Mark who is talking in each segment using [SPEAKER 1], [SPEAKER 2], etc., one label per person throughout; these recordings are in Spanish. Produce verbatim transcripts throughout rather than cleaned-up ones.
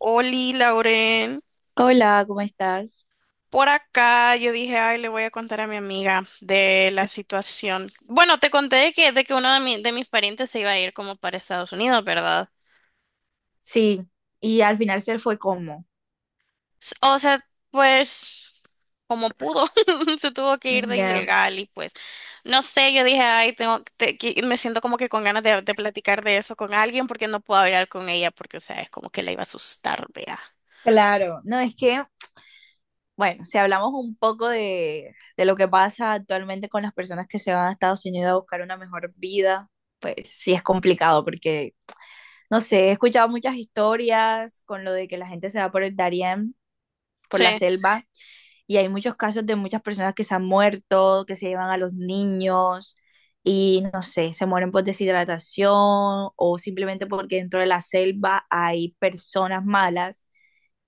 [SPEAKER 1] Oli, Lauren,
[SPEAKER 2] Hola, ¿cómo estás?
[SPEAKER 1] por acá yo dije, ay, le voy a contar a mi amiga de la situación. Bueno, te conté de que, de que uno de, mi- de mis parientes se iba a ir como para Estados Unidos, ¿verdad?
[SPEAKER 2] Sí, y al final se fue como.
[SPEAKER 1] S- O sea, pues como pudo, se tuvo que ir de
[SPEAKER 2] Ya.
[SPEAKER 1] ilegal y pues, no sé, yo dije, ay, tengo, te- que- me siento como que con ganas de, de platicar de eso con alguien porque no puedo hablar con ella porque, o sea, es como que la iba a asustar, vea.
[SPEAKER 2] Claro, no es que, bueno, si hablamos un poco de, de lo que pasa actualmente con las personas que se van a Estados Unidos a buscar una mejor vida, pues sí es complicado porque, no sé, he escuchado muchas historias con lo de que la gente se va por el Darién, por
[SPEAKER 1] Sí.
[SPEAKER 2] la selva, y hay muchos casos de muchas personas que se han muerto, que se llevan a los niños y no sé, se mueren por deshidratación o simplemente porque dentro de la selva hay personas malas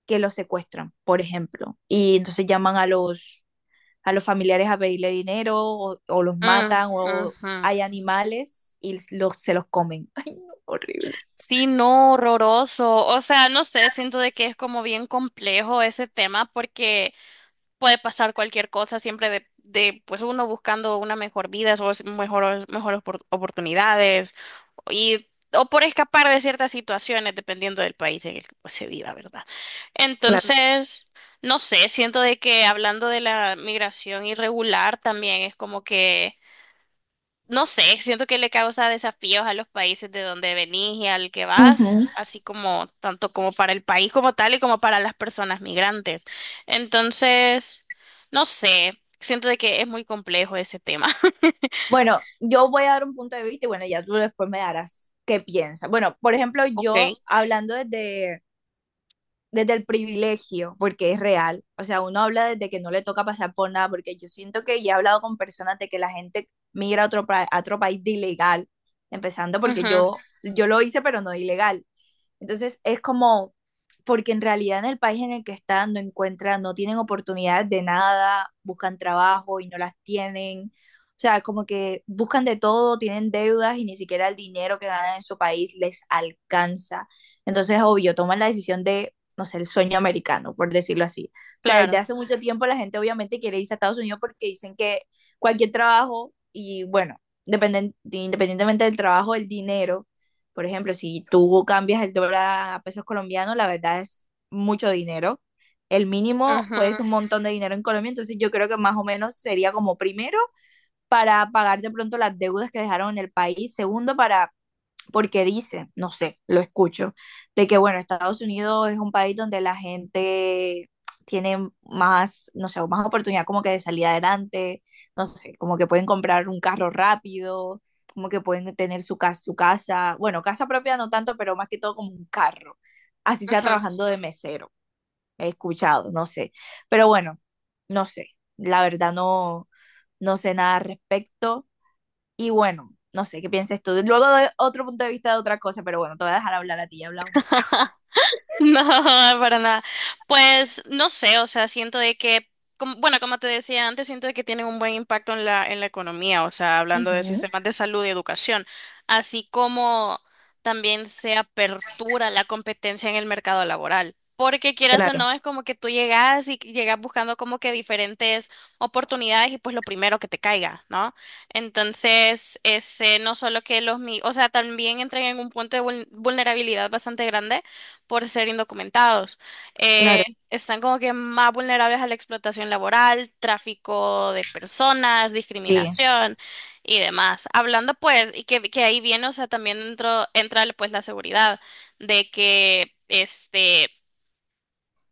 [SPEAKER 2] que los secuestran, por ejemplo, y entonces llaman a los, a los familiares a pedirle dinero o, o los
[SPEAKER 1] Mm,
[SPEAKER 2] matan o
[SPEAKER 1] ujú.
[SPEAKER 2] hay animales y los, se los comen. Ay, no, horrible.
[SPEAKER 1] Sí, no, horroroso. O sea, no sé, siento de que es como bien complejo ese tema porque puede pasar cualquier cosa siempre de, de pues uno buscando una mejor vida o es- mejores mejores opor- oportunidades y o por escapar de ciertas situaciones dependiendo del país en el que pues, se viva, ¿verdad?
[SPEAKER 2] Claro.
[SPEAKER 1] Entonces, no sé, siento de que hablando de la migración irregular también es como que no sé, siento que le causa desafíos a los países de donde venís y al que vas, así como tanto como para el país como tal y como para las personas migrantes. Entonces, no sé, siento de que es muy complejo ese tema.
[SPEAKER 2] Bueno, yo voy a dar un punto de vista y bueno, ya tú después me darás qué piensas. Bueno, por ejemplo,
[SPEAKER 1] Ok.
[SPEAKER 2] yo hablando desde desde el privilegio, porque es real. O sea, uno habla desde que no le toca pasar por nada, porque yo siento que ya he hablado con personas de que la gente migra a otro, pa- a otro país de ilegal, empezando porque
[SPEAKER 1] Ujú,
[SPEAKER 2] yo, yo lo hice, pero no de ilegal. Entonces, es como, porque en realidad en el país en el que están no encuentran, no tienen oportunidades de nada, buscan trabajo y no las tienen. O sea, como que buscan de todo, tienen deudas y ni siquiera el dinero que ganan en su país les alcanza. Entonces, obvio, toman la decisión de no sé, el sueño americano, por decirlo así. O sea, desde
[SPEAKER 1] claro.
[SPEAKER 2] hace mucho tiempo la gente obviamente quiere irse a Estados Unidos porque dicen que cualquier trabajo y bueno, dependen, independientemente del trabajo, el dinero, por ejemplo, si tú cambias el dólar a pesos colombianos, la verdad es mucho dinero. El mínimo puede
[SPEAKER 1] Ujú,
[SPEAKER 2] ser un montón de dinero en Colombia, entonces yo creo que más o menos sería como primero para pagar de pronto las deudas que dejaron en el país, segundo para porque dicen, no sé, lo escucho, de que bueno, Estados Unidos es un país donde la gente tiene más, no sé, más oportunidad como que de salir adelante, no sé, como que pueden comprar un carro rápido, como que pueden tener su casa, su casa, bueno, casa propia no tanto, pero más que todo como un carro, así sea
[SPEAKER 1] ujú.
[SPEAKER 2] trabajando de mesero, he escuchado, no sé, pero bueno, no sé, la verdad no, no sé nada al respecto y bueno, no sé qué pienses tú. Luego doy otro punto de vista de otra cosa, pero bueno, te voy a dejar hablar a ti, ya he hablado mucho.
[SPEAKER 1] No, para nada. Pues no sé, o sea, siento de que, como- bueno, como te decía antes, siento de que tienen un buen impacto en la, en la economía, o sea, hablando de
[SPEAKER 2] Ujú,
[SPEAKER 1] sistemas de salud y educación, así como también se apertura la competencia en el mercado laboral. Porque quieras o
[SPEAKER 2] claro,
[SPEAKER 1] no, es como que tú llegas y llegas buscando como que diferentes oportunidades y pues lo primero que te caiga, ¿no? Entonces, ese, no solo que los, mi- o sea, también entran en un punto de vul- vulnerabilidad bastante grande por ser indocumentados. Eh,
[SPEAKER 2] claro,
[SPEAKER 1] están como que más vulnerables a la explotación laboral, tráfico de personas,
[SPEAKER 2] sí.
[SPEAKER 1] discriminación y demás. Hablando pues, y que, que ahí viene, o sea, también dentro, entra pues la seguridad de que este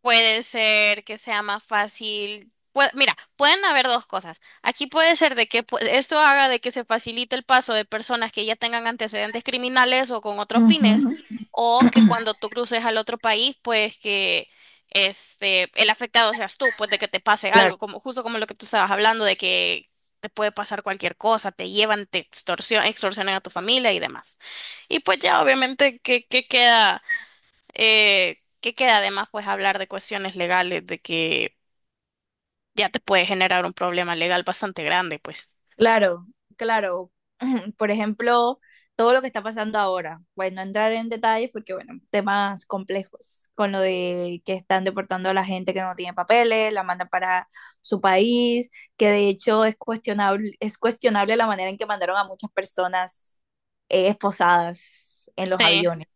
[SPEAKER 1] puede ser que sea más fácil. Pue- Mira, pueden haber dos cosas. Aquí puede ser de que pu- esto haga de que se facilite el paso de personas que ya tengan antecedentes criminales o con otros fines,
[SPEAKER 2] Ujú.
[SPEAKER 1] o que cuando tú cruces al otro país, pues que este el afectado seas tú, pues de que te pase
[SPEAKER 2] Claro.
[SPEAKER 1] algo, como justo como lo que tú estabas hablando de que te puede pasar cualquier cosa, te llevan, te extorsion- extorsionan a tu familia y demás. Y pues ya obviamente que, que queda eh, que queda además pues hablar de cuestiones legales, de que ya te puede generar un problema legal bastante grande, pues.
[SPEAKER 2] Claro, claro. Por ejemplo, todo lo que está pasando ahora. Bueno, no entrar en detalles porque, bueno, temas complejos con lo de que están deportando a la gente que no tiene papeles, la mandan para su país, que de hecho es cuestionable, es cuestionable la manera en que mandaron a muchas personas eh, esposadas en los
[SPEAKER 1] Sí.
[SPEAKER 2] aviones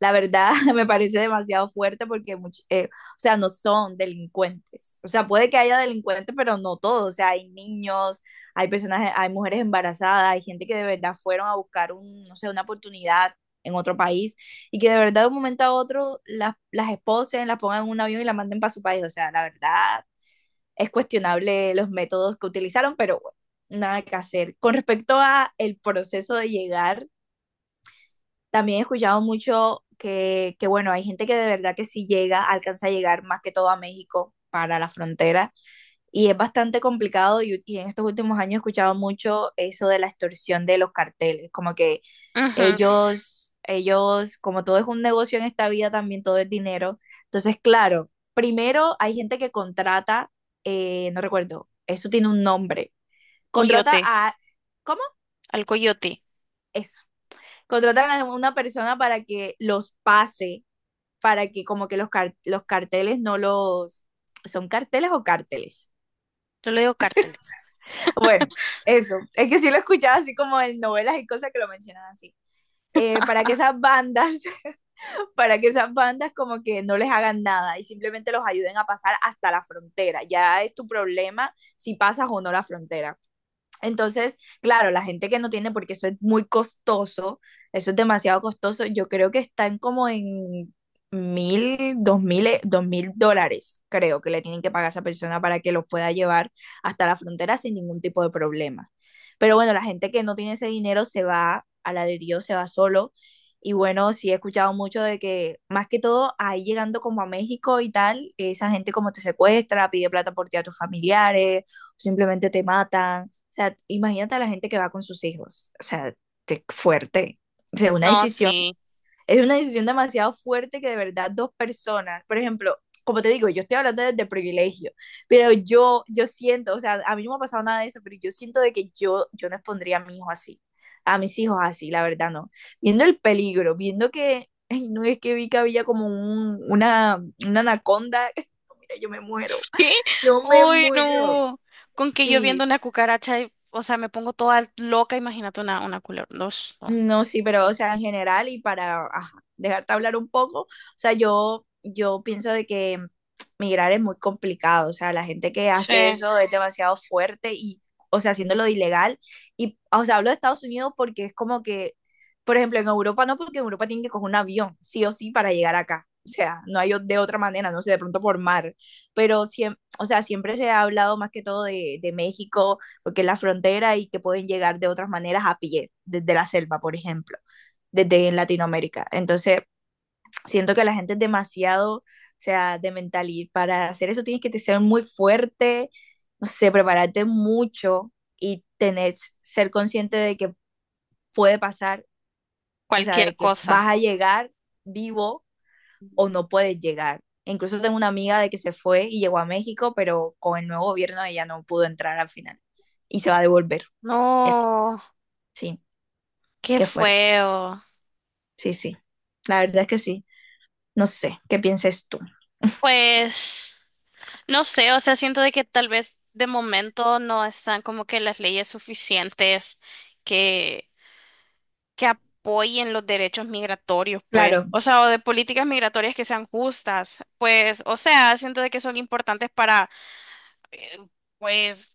[SPEAKER 2] la verdad me parece demasiado fuerte porque, much- eh, o sea, no son delincuentes. O sea, puede que haya delincuentes, pero no todos. O sea, hay niños, hay personas, hay mujeres embarazadas, hay gente que de verdad fueron a buscar un, no sé, una oportunidad en otro país y que de verdad de un momento a otro las, las esposen, las pongan en un avión y las manden para su país. O sea, la verdad es cuestionable los métodos que utilizaron, pero bueno, nada que hacer. Con respecto a el proceso de llegar también he escuchado mucho que, que, bueno, hay gente que de verdad que sí llega, alcanza a llegar más que todo a México para la frontera y es bastante complicado y, y en estos últimos años he escuchado mucho eso de la extorsión de los carteles, como que
[SPEAKER 1] Ujú.
[SPEAKER 2] ellos, ellos, como todo es un negocio en esta vida, también todo es dinero. Entonces, claro, primero hay gente que contrata, eh, no recuerdo, eso tiene un nombre, contrata
[SPEAKER 1] Coyote,
[SPEAKER 2] a, ¿cómo?
[SPEAKER 1] al coyote.
[SPEAKER 2] Eso. Contratan a una persona para que los pase para que como que los, car- los carteles no los... ¿Son carteles o cárteles?
[SPEAKER 1] Yo le digo cárteles.
[SPEAKER 2] Bueno, eso. Es que sí lo he escuchado así como en novelas y cosas que lo mencionan así. Eh, para que esas bandas, para que esas bandas como que no les hagan nada y simplemente los ayuden a pasar hasta la frontera. Ya es tu problema si pasas o no la frontera. Entonces, claro, la gente que no tiene, porque eso es muy costoso, eso es demasiado costoso, yo creo que están como en mil, dos mil, eh, dos mil dólares, creo que le tienen que pagar a esa persona para que los pueda llevar hasta la frontera sin ningún tipo de problema. Pero bueno, la gente que no tiene ese dinero se va a la de Dios, se va solo. Y bueno, sí he escuchado mucho de que, más que todo, ahí llegando como a México y tal, esa gente como te secuestra, pide plata por ti a tus familiares, simplemente te matan. O sea, imagínate a la gente que va con sus hijos. O sea, te- fuerte. O sea, una
[SPEAKER 1] No,
[SPEAKER 2] decisión,
[SPEAKER 1] sí.
[SPEAKER 2] es una decisión demasiado fuerte que de verdad dos personas, por ejemplo, como te digo, yo estoy hablando desde privilegio, pero yo, yo siento, o sea, a mí no me ha pasado nada de eso, pero yo siento de que yo, yo no expondría a mi hijo así, a mis hijos así, la verdad no. Viendo el peligro, viendo que, ay, no es que vi que había como un, una, una anaconda, mira, yo me muero,
[SPEAKER 1] ¿Qué?
[SPEAKER 2] yo me
[SPEAKER 1] Uy,
[SPEAKER 2] muero,
[SPEAKER 1] no. Con que yo viendo
[SPEAKER 2] sí.
[SPEAKER 1] una cucaracha, y- o sea, me pongo toda loca, imagínate una, una culebra. No, no.
[SPEAKER 2] No, sí, pero o sea, en general y para ajá, dejarte hablar un poco, o sea, yo, yo pienso de que migrar es muy complicado, o sea, la gente que hace
[SPEAKER 1] Sí,
[SPEAKER 2] eso es demasiado fuerte y, o sea, haciéndolo ilegal. Y, o sea, hablo de Estados Unidos porque es como que, por ejemplo, en Europa no, porque en Europa tienen que coger un avión, sí o sí, para llegar acá. O sea, no hay o- de otra manera, no sé, de pronto por mar, pero siempre, o sea, siempre se ha hablado más que todo de, de México porque es la frontera y que pueden llegar de otras maneras a pie, desde la selva, por ejemplo, desde Latinoamérica. Entonces, siento que la gente es demasiado, o sea, de mentalidad. Para hacer eso tienes que ser muy fuerte, no sé, prepararte mucho y tener, ser consciente de que puede pasar, o sea,
[SPEAKER 1] cualquier
[SPEAKER 2] de que
[SPEAKER 1] cosa.
[SPEAKER 2] vas a llegar vivo o no puedes llegar. Incluso tengo una amiga de que se fue y llegó a México, pero con el nuevo gobierno ella no pudo entrar al final y se va a devolver.
[SPEAKER 1] No,
[SPEAKER 2] Sí.
[SPEAKER 1] qué
[SPEAKER 2] Qué fuerte.
[SPEAKER 1] feo.
[SPEAKER 2] Sí, sí. La verdad es que sí. No sé, ¿qué pienses tú?
[SPEAKER 1] Pues. No sé, o sea, siento de que tal vez de momento no están como que las leyes suficientes que, que apoyen los derechos migratorios, pues,
[SPEAKER 2] Claro,
[SPEAKER 1] o sea, o de políticas migratorias que sean justas, pues, o sea, siento de que son importantes para, eh, pues,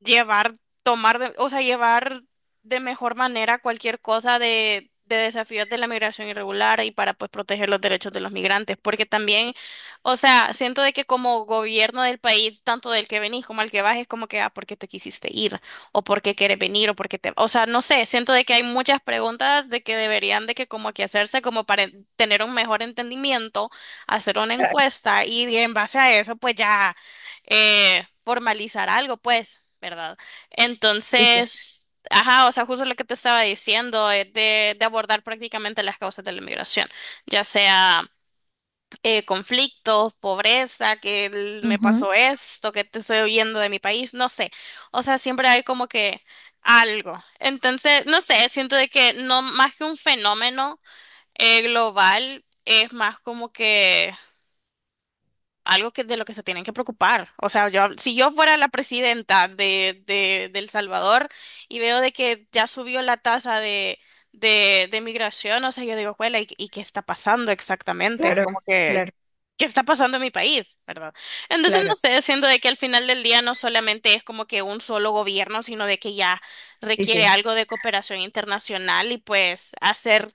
[SPEAKER 1] llevar, tomar, de- o sea, llevar de mejor manera cualquier cosa de, de desafíos de la migración irregular y para pues proteger los derechos de los migrantes, porque también, o sea, siento de que como gobierno del país, tanto del que venís como al que vas, es como que, ah, ¿por qué te quisiste ir? ¿O por qué quieres venir? ¿O por qué te...? O sea, no sé, siento de que hay muchas preguntas de que deberían de que como que hacerse como para en- tener un mejor entendimiento, hacer una
[SPEAKER 2] claro,
[SPEAKER 1] encuesta y en base a eso pues ya eh, formalizar algo, pues, ¿verdad?
[SPEAKER 2] sí, sí.
[SPEAKER 1] Entonces, ajá, o sea, justo lo que te estaba diciendo es de, de abordar prácticamente las causas de la migración, ya sea eh, conflictos, pobreza, que el- me
[SPEAKER 2] Ujú,
[SPEAKER 1] pasó esto, que te estoy huyendo de mi país, no sé. O sea, siempre hay como que algo. Entonces, no sé, siento de que no más que un fenómeno eh, global, es más como que algo que de lo que se tienen que preocupar. O sea, yo, si yo fuera la presidenta de, de, de El Salvador y veo de que ya subió la tasa de, de, de migración, o sea, yo digo, "Juela, ¿y, y qué está pasando exactamente? Es
[SPEAKER 2] claro,
[SPEAKER 1] como que,
[SPEAKER 2] claro,
[SPEAKER 1] ¿qué está pasando en mi país? ¿Verdad? Entonces, no
[SPEAKER 2] claro.
[SPEAKER 1] sé, siendo de que al final del día no solamente es como que un solo gobierno, sino de que ya
[SPEAKER 2] Sí,
[SPEAKER 1] requiere
[SPEAKER 2] sí.
[SPEAKER 1] algo de cooperación internacional y pues hacer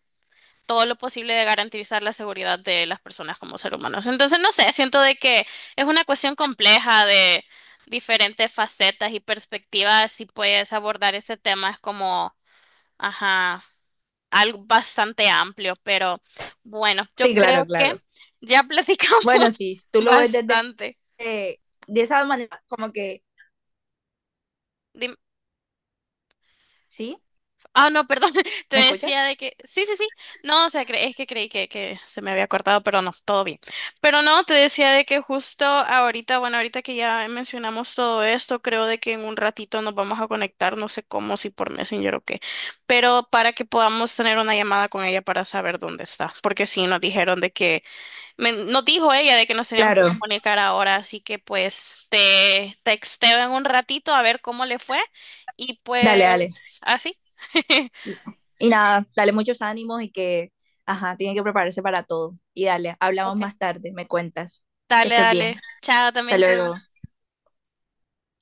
[SPEAKER 1] todo lo posible de garantizar la seguridad de las personas como seres humanos. Entonces, no sé, siento de que es una cuestión compleja de diferentes facetas y perspectivas y puedes abordar ese tema es como, ajá, algo bastante amplio, pero bueno,
[SPEAKER 2] Sí,
[SPEAKER 1] yo
[SPEAKER 2] claro,
[SPEAKER 1] creo que
[SPEAKER 2] claro.
[SPEAKER 1] ya platicamos
[SPEAKER 2] Bueno, sí, tú lo ves desde
[SPEAKER 1] bastante.
[SPEAKER 2] eh, de, esa manera, como que,
[SPEAKER 1] Dime.
[SPEAKER 2] ¿sí?
[SPEAKER 1] Ah, no, perdón, te
[SPEAKER 2] ¿Me
[SPEAKER 1] decía
[SPEAKER 2] escuchas?
[SPEAKER 1] de que sí, sí, sí. No, o sea, cre- es que creí que, que se me había cortado, pero no, todo bien. Pero no, te decía de que justo ahorita, bueno, ahorita que ya mencionamos todo esto, creo de que en un ratito nos vamos a conectar, no sé cómo, si por Messenger o qué, pero para que podamos tener una llamada con ella para saber dónde está, porque sí nos dijeron de que, me- nos dijo ella de que nos teníamos que
[SPEAKER 2] Claro,
[SPEAKER 1] comunicar ahora, así que pues te texteo en un ratito a ver cómo le fue y
[SPEAKER 2] dale, dale.
[SPEAKER 1] pues así.
[SPEAKER 2] Y nada, dale muchos ánimos y que, ajá, tiene que prepararse para todo. Y dale, hablamos
[SPEAKER 1] Ok,
[SPEAKER 2] más tarde, me cuentas. Que
[SPEAKER 1] dale,
[SPEAKER 2] estés bien.
[SPEAKER 1] dale. Chao
[SPEAKER 2] Hasta
[SPEAKER 1] también tú.
[SPEAKER 2] luego.